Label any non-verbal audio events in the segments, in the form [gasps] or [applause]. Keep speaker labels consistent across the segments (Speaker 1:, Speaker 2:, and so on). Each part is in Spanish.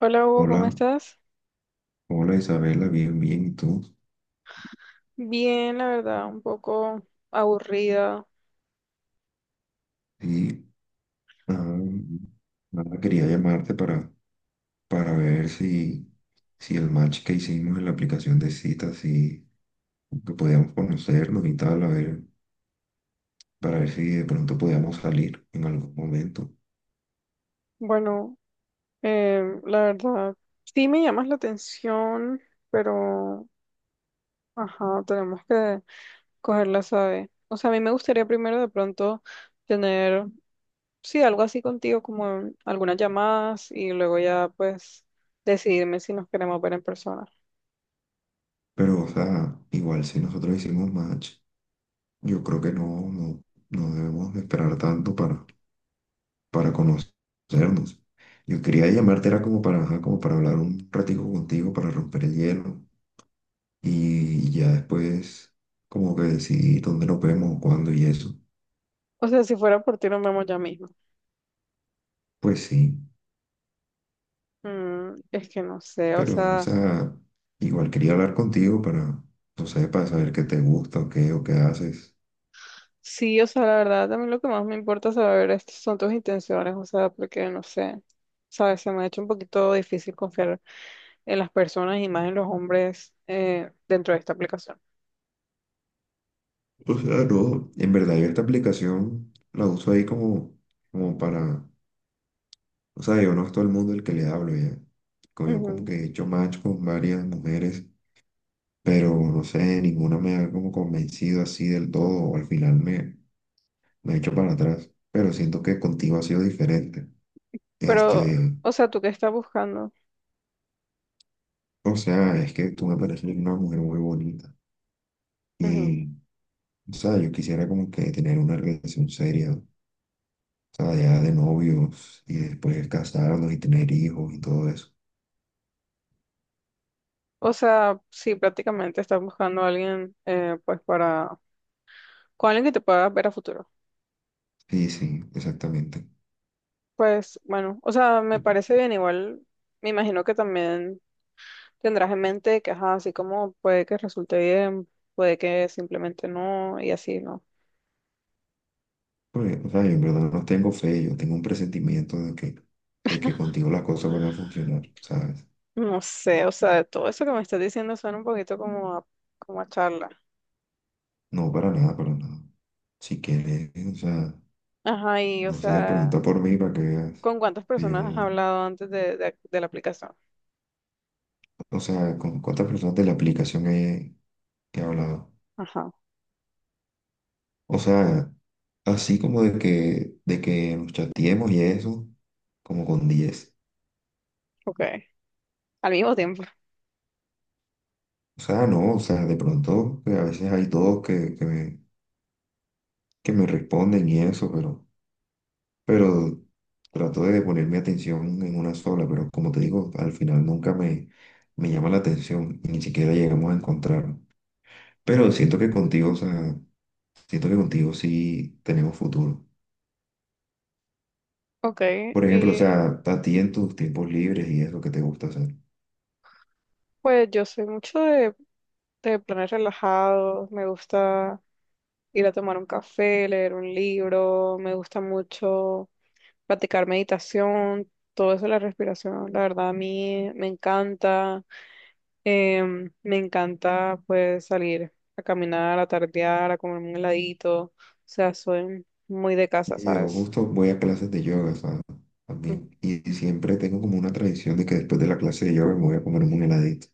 Speaker 1: Hola Hugo,
Speaker 2: Hola,
Speaker 1: ¿cómo estás?
Speaker 2: hola Isabela, bien, bien, ¿y tú?
Speaker 1: Bien, la verdad, un poco aburrida.
Speaker 2: Sí, ah, nada, quería llamarte para ver si el match que hicimos en la aplicación de citas, si que podíamos conocernos y tal, a ver, para ver si de pronto podíamos salir en algún momento.
Speaker 1: Bueno, la verdad, sí me llamas la atención, pero, ajá, tenemos que cogerla, sabe. O sea, a mí me gustaría primero de pronto tener, sí, algo así contigo, como en algunas llamadas y luego ya, pues, decidirme si nos queremos ver en persona.
Speaker 2: Pero, o sea, igual si nosotros hicimos match, yo creo que no debemos esperar tanto para conocernos. Yo quería llamarte, era como para, ajá, como para hablar un ratico contigo, para romper el hielo. Y ya después, como que decidí dónde nos vemos, cuándo y eso.
Speaker 1: O sea, si fuera por ti, nos vemos ya mismo.
Speaker 2: Pues sí,
Speaker 1: Es que no sé, o
Speaker 2: pero, o
Speaker 1: sea...
Speaker 2: sea, igual quería hablar contigo para, no sé, para saber qué te gusta o qué haces.
Speaker 1: Sí, o sea, la verdad, también lo que más me importa saber es, son tus intenciones, o sea, porque no sé, sabes, se me ha hecho un poquito difícil confiar en las personas y más en los hombres dentro de esta aplicación.
Speaker 2: O sea, no, en verdad yo esta aplicación la uso ahí como, como para, o sea, yo no es todo el mundo el que le hablo ya. Como yo como
Speaker 1: Ujú.
Speaker 2: que he hecho match con varias mujeres, pero no sé, ninguna me ha como convencido así del todo, o al final me echo para atrás, pero siento que contigo ha sido diferente.
Speaker 1: Pero,
Speaker 2: Este,
Speaker 1: o sea, ¿tú qué estás buscando?
Speaker 2: o sea, es que tú me pareces una mujer muy bonita
Speaker 1: Ujú.
Speaker 2: y, o sea, yo quisiera como que tener una relación seria, o sea, ya de novios y después casarnos y tener hijos y todo eso.
Speaker 1: O sea, sí, prácticamente estás buscando a alguien, pues, para, con alguien que te pueda ver a futuro.
Speaker 2: Sí, sí, exactamente.
Speaker 1: Pues, bueno, o sea, me parece bien, igual, me imagino que también. Tendrás en mente que, ajá, así como puede que resulte bien, puede que simplemente no, y así, ¿no?
Speaker 2: Pues, o sea, yo en verdad no tengo fe, yo tengo un presentimiento de que contigo las cosas van a funcionar, ¿sabes?
Speaker 1: No sé, o sea, todo eso que me estás diciendo suena un poquito como a, como a charla.
Speaker 2: No, para nada, para nada. Si quieres, o sea,
Speaker 1: Ajá, y, o
Speaker 2: no sé,
Speaker 1: sea,
Speaker 2: pregunta por mí para que veas.
Speaker 1: ¿con cuántas personas has
Speaker 2: Yo
Speaker 1: hablado antes de la aplicación?
Speaker 2: O sea, ¿con cuántas personas de la aplicación he hablado?
Speaker 1: Ajá,
Speaker 2: O sea, así como de que nos chateemos y eso, como con 10.
Speaker 1: ok. Al mismo tiempo.
Speaker 2: O sea, no, o sea, de pronto que a veces hay dos que me responden y eso, pero trato de poner mi atención en una sola, pero como te digo, al final nunca me llama la atención y ni siquiera llegamos a encontrarnos. Pero siento que contigo, o sea, siento que contigo sí tenemos futuro.
Speaker 1: Ok,
Speaker 2: Por ejemplo, o
Speaker 1: y
Speaker 2: sea, a ti en tus tiempos libres y eso que te gusta hacer.
Speaker 1: pues yo soy mucho de planes relajados, me gusta ir a tomar un café, leer un libro, me gusta mucho practicar meditación, todo eso, de la respiración, la verdad a mí me encanta, me encanta pues salir a caminar, a tardear, a comer un heladito, o sea, soy muy de casa,
Speaker 2: Y yo
Speaker 1: ¿sabes?
Speaker 2: justo voy a clases de yoga, ¿sabes? Sea,
Speaker 1: Mm,
Speaker 2: también. Y siempre tengo como una tradición de que después de la clase de yoga me voy a comer un heladito.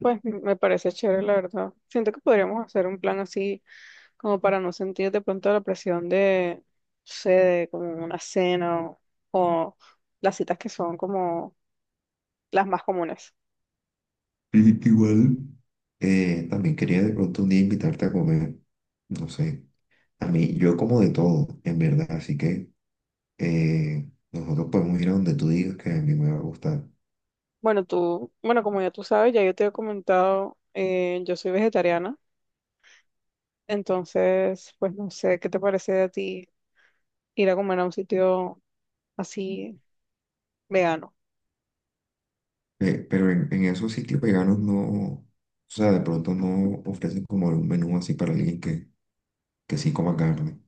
Speaker 1: Me parece chévere, la verdad. Siento que podríamos hacer un plan así como para no sentir de pronto la presión de, no sé, de como una cena o las citas que son como las más comunes.
Speaker 2: Y igual. También quería de pronto un día invitarte a comer. No sé. A mí, yo como de todo, en verdad. Así que nosotros podemos ir a donde tú digas que a mí me va a gustar.
Speaker 1: Bueno, tú, bueno, como ya tú sabes, ya yo te he comentado, yo soy vegetariana, entonces, pues no sé, ¿qué te parece a ti ir a comer a un sitio así vegano?
Speaker 2: Pero en esos sitios veganos no, o sea, de pronto no ofrecen como un menú así para alguien que sí coma carne.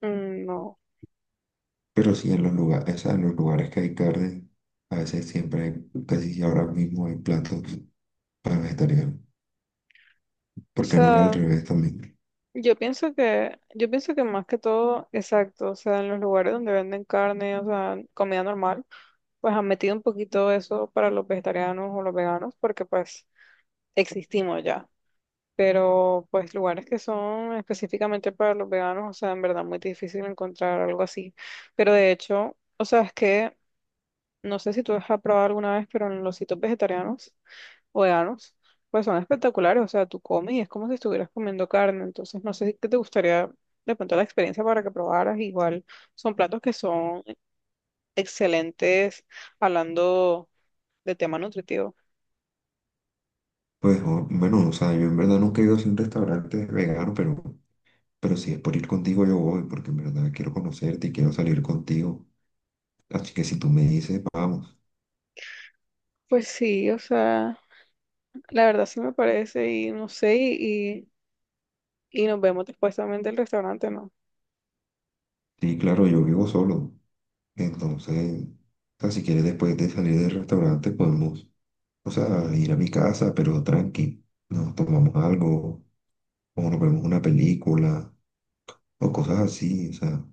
Speaker 1: Mm, no,
Speaker 2: Pero sí en los lugares, o sea, en los lugares que hay carne, a veces siempre hay, casi si ahora mismo hay platos para vegetarianos,
Speaker 1: o
Speaker 2: porque no es al
Speaker 1: sea,
Speaker 2: revés también.
Speaker 1: yo pienso que más que todo, exacto, o sea, en los lugares donde venden carne, o sea, comida normal, pues han metido un poquito eso para los vegetarianos o los veganos, porque pues existimos ya. Pero pues lugares que son específicamente para los veganos, o sea, en verdad muy difícil encontrar algo así. Pero de hecho, o sea, es que no sé si tú has probado alguna vez, pero en los sitios vegetarianos o veganos, pues son espectaculares, o sea, tú comes y es como si estuvieras comiendo carne, entonces no sé si qué te gustaría de pronto la experiencia para que probaras, igual son platos que son excelentes hablando de tema nutritivo.
Speaker 2: Pues bueno, o sea, yo en verdad nunca he ido a un restaurante vegano, pero si es por ir contigo yo voy, porque en verdad quiero conocerte y quiero salir contigo. Así que si tú me dices, vamos.
Speaker 1: Pues sí, o sea, la verdad sí me parece y no sé, y nos vemos después también del restaurante, ¿no?
Speaker 2: Sí, claro, yo vivo solo. Entonces, o sea, si quieres después de salir del restaurante podemos, o sea, ir a mi casa, pero tranqui. Nos tomamos algo como nos vemos una película o cosas así, o sea,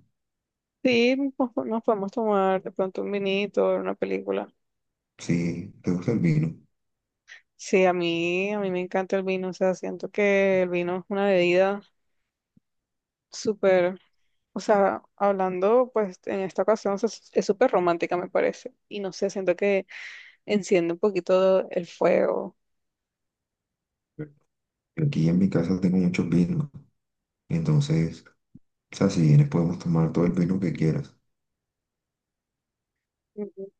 Speaker 1: Sí, nos, po- nos podemos tomar de pronto un vinito, una película.
Speaker 2: sí, te gusta el vino.
Speaker 1: Sí, a mí me encanta el vino, o sea, siento que el vino es una bebida súper, o sea, hablando pues en esta ocasión, o sea, es súper romántica me parece, y no sé, siento que enciende un poquito el fuego.
Speaker 2: Aquí en mi casa tengo muchos vinos, entonces, o sea, si vienes podemos tomar todo el vino que quieras.
Speaker 1: Ujú.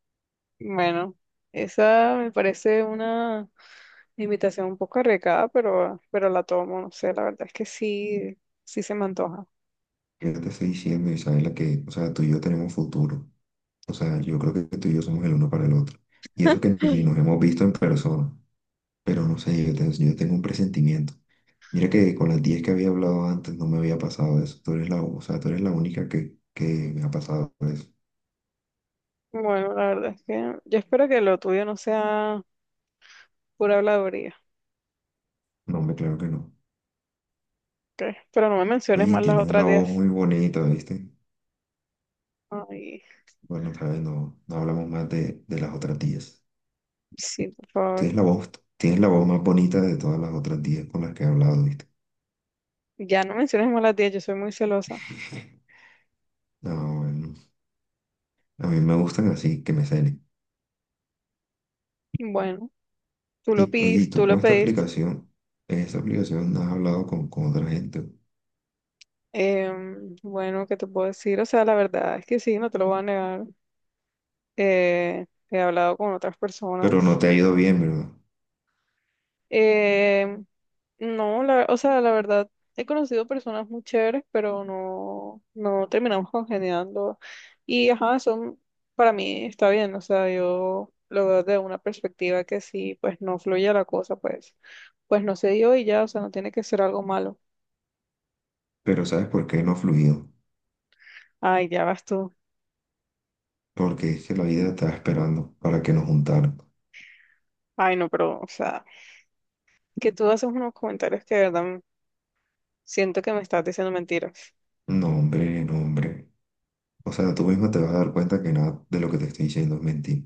Speaker 1: Bueno, esa me parece una invitación un poco arriesgada, pero la tomo, no sé, la verdad es que sí, sí se me antoja.
Speaker 2: Yo te estoy diciendo, Isabela, que, o sea, tú y yo tenemos futuro. O sea, yo creo que tú y yo somos el uno para el otro. Y eso que ni nos
Speaker 1: [laughs]
Speaker 2: hemos visto en persona, pero no sé, yo tengo un presentimiento. Mira que con las 10 que había hablado antes no me había pasado eso. Tú eres la, o sea, tú eres la única que me ha pasado eso.
Speaker 1: Bueno, la verdad es que yo espero que lo tuyo no sea pura habladuría,
Speaker 2: No, me claro que no.
Speaker 1: ¿ok? Pero no me menciones
Speaker 2: Oye,
Speaker 1: más las
Speaker 2: tienes
Speaker 1: otras
Speaker 2: una voz
Speaker 1: 10.
Speaker 2: muy bonita, ¿viste?
Speaker 1: Ay,
Speaker 2: Bueno, sabes, no, no hablamos más de las otras tías.
Speaker 1: sí, por favor.
Speaker 2: Tienes la voz, tienes la voz más bonita de todas las otras tías con las que he hablado, ¿viste?
Speaker 1: Ya no menciones más las 10, yo soy muy celosa.
Speaker 2: No, bueno, a mí me gustan así, que me celen.
Speaker 1: Bueno, tú lo
Speaker 2: Y, oye, ¿y
Speaker 1: pediste, tú
Speaker 2: tú
Speaker 1: lo
Speaker 2: con esta
Speaker 1: pediste.
Speaker 2: aplicación, en esta aplicación no has hablado con otra gente,
Speaker 1: Bueno, ¿qué te puedo decir? O sea, la verdad es que sí, no te lo voy a negar. He hablado con otras
Speaker 2: pero no
Speaker 1: personas.
Speaker 2: te ha ido bien, ¿verdad?
Speaker 1: Eh, no, o sea, la verdad, he conocido personas muy chéveres, pero no, no terminamos congeniando. Y ajá, son, para mí está bien, o sea, yo lo veo desde una perspectiva que si pues no fluye la cosa, pues no se dio y ya, o sea, no tiene que ser algo malo.
Speaker 2: Pero ¿sabes por qué no ha fluido?
Speaker 1: Ay, ya vas tú.
Speaker 2: Porque es que la vida estaba esperando para que nos juntaran.
Speaker 1: Ay, no, pero, o sea, que tú haces unos comentarios que de verdad m- siento que me estás diciendo mentiras.
Speaker 2: No, hombre, no, hombre. O sea, tú mismo te vas a dar cuenta que nada de lo que te estoy diciendo es mentira.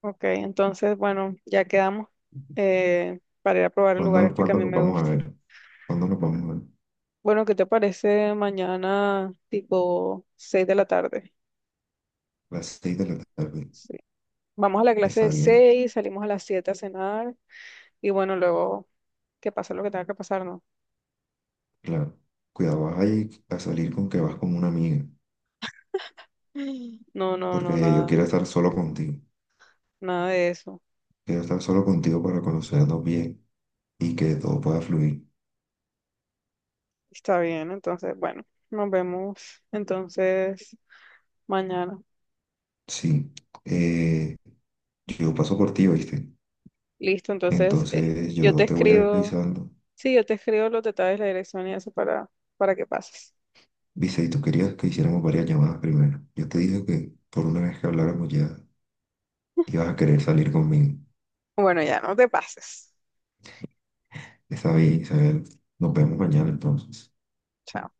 Speaker 1: Ok, entonces, bueno, ya quedamos para ir a probar el lugar
Speaker 2: ¿Cuándo,
Speaker 1: este que a
Speaker 2: cuándo
Speaker 1: mí
Speaker 2: nos
Speaker 1: me
Speaker 2: vamos a
Speaker 1: gusta.
Speaker 2: ver? ¿Cuándo nos vamos a ver?
Speaker 1: Bueno, ¿qué te parece mañana tipo 6 de la tarde?
Speaker 2: Las 6:00 de la tarde.
Speaker 1: Sí. Vamos a la clase
Speaker 2: Está
Speaker 1: de
Speaker 2: bien,
Speaker 1: 6, salimos a las 7 a cenar y bueno, luego que pase lo que tenga que pasar, ¿no?
Speaker 2: claro. Cuidado, vas a ir a salir con que vas con una amiga,
Speaker 1: [laughs] [gasps] No, no, no,
Speaker 2: porque yo
Speaker 1: nada,
Speaker 2: quiero estar solo contigo.
Speaker 1: nada de eso.
Speaker 2: Quiero estar solo contigo para conocernos bien y que todo pueda fluir.
Speaker 1: Está bien, entonces, bueno, nos vemos entonces mañana.
Speaker 2: Sí, eh, yo paso por ti, ¿oíste?
Speaker 1: Listo, entonces
Speaker 2: Entonces
Speaker 1: yo
Speaker 2: yo
Speaker 1: te
Speaker 2: te voy
Speaker 1: escribo,
Speaker 2: avisando.
Speaker 1: sí, yo te escribo los detalles, la dirección y eso para que pases.
Speaker 2: Viste, y tú querías que hiciéramos varias llamadas primero. Yo te dije que por una vez que habláramos ya ibas a querer salir conmigo.
Speaker 1: Bueno, ya no te pases.
Speaker 2: Está bien, Isabel. Nos vemos mañana entonces.
Speaker 1: Chao.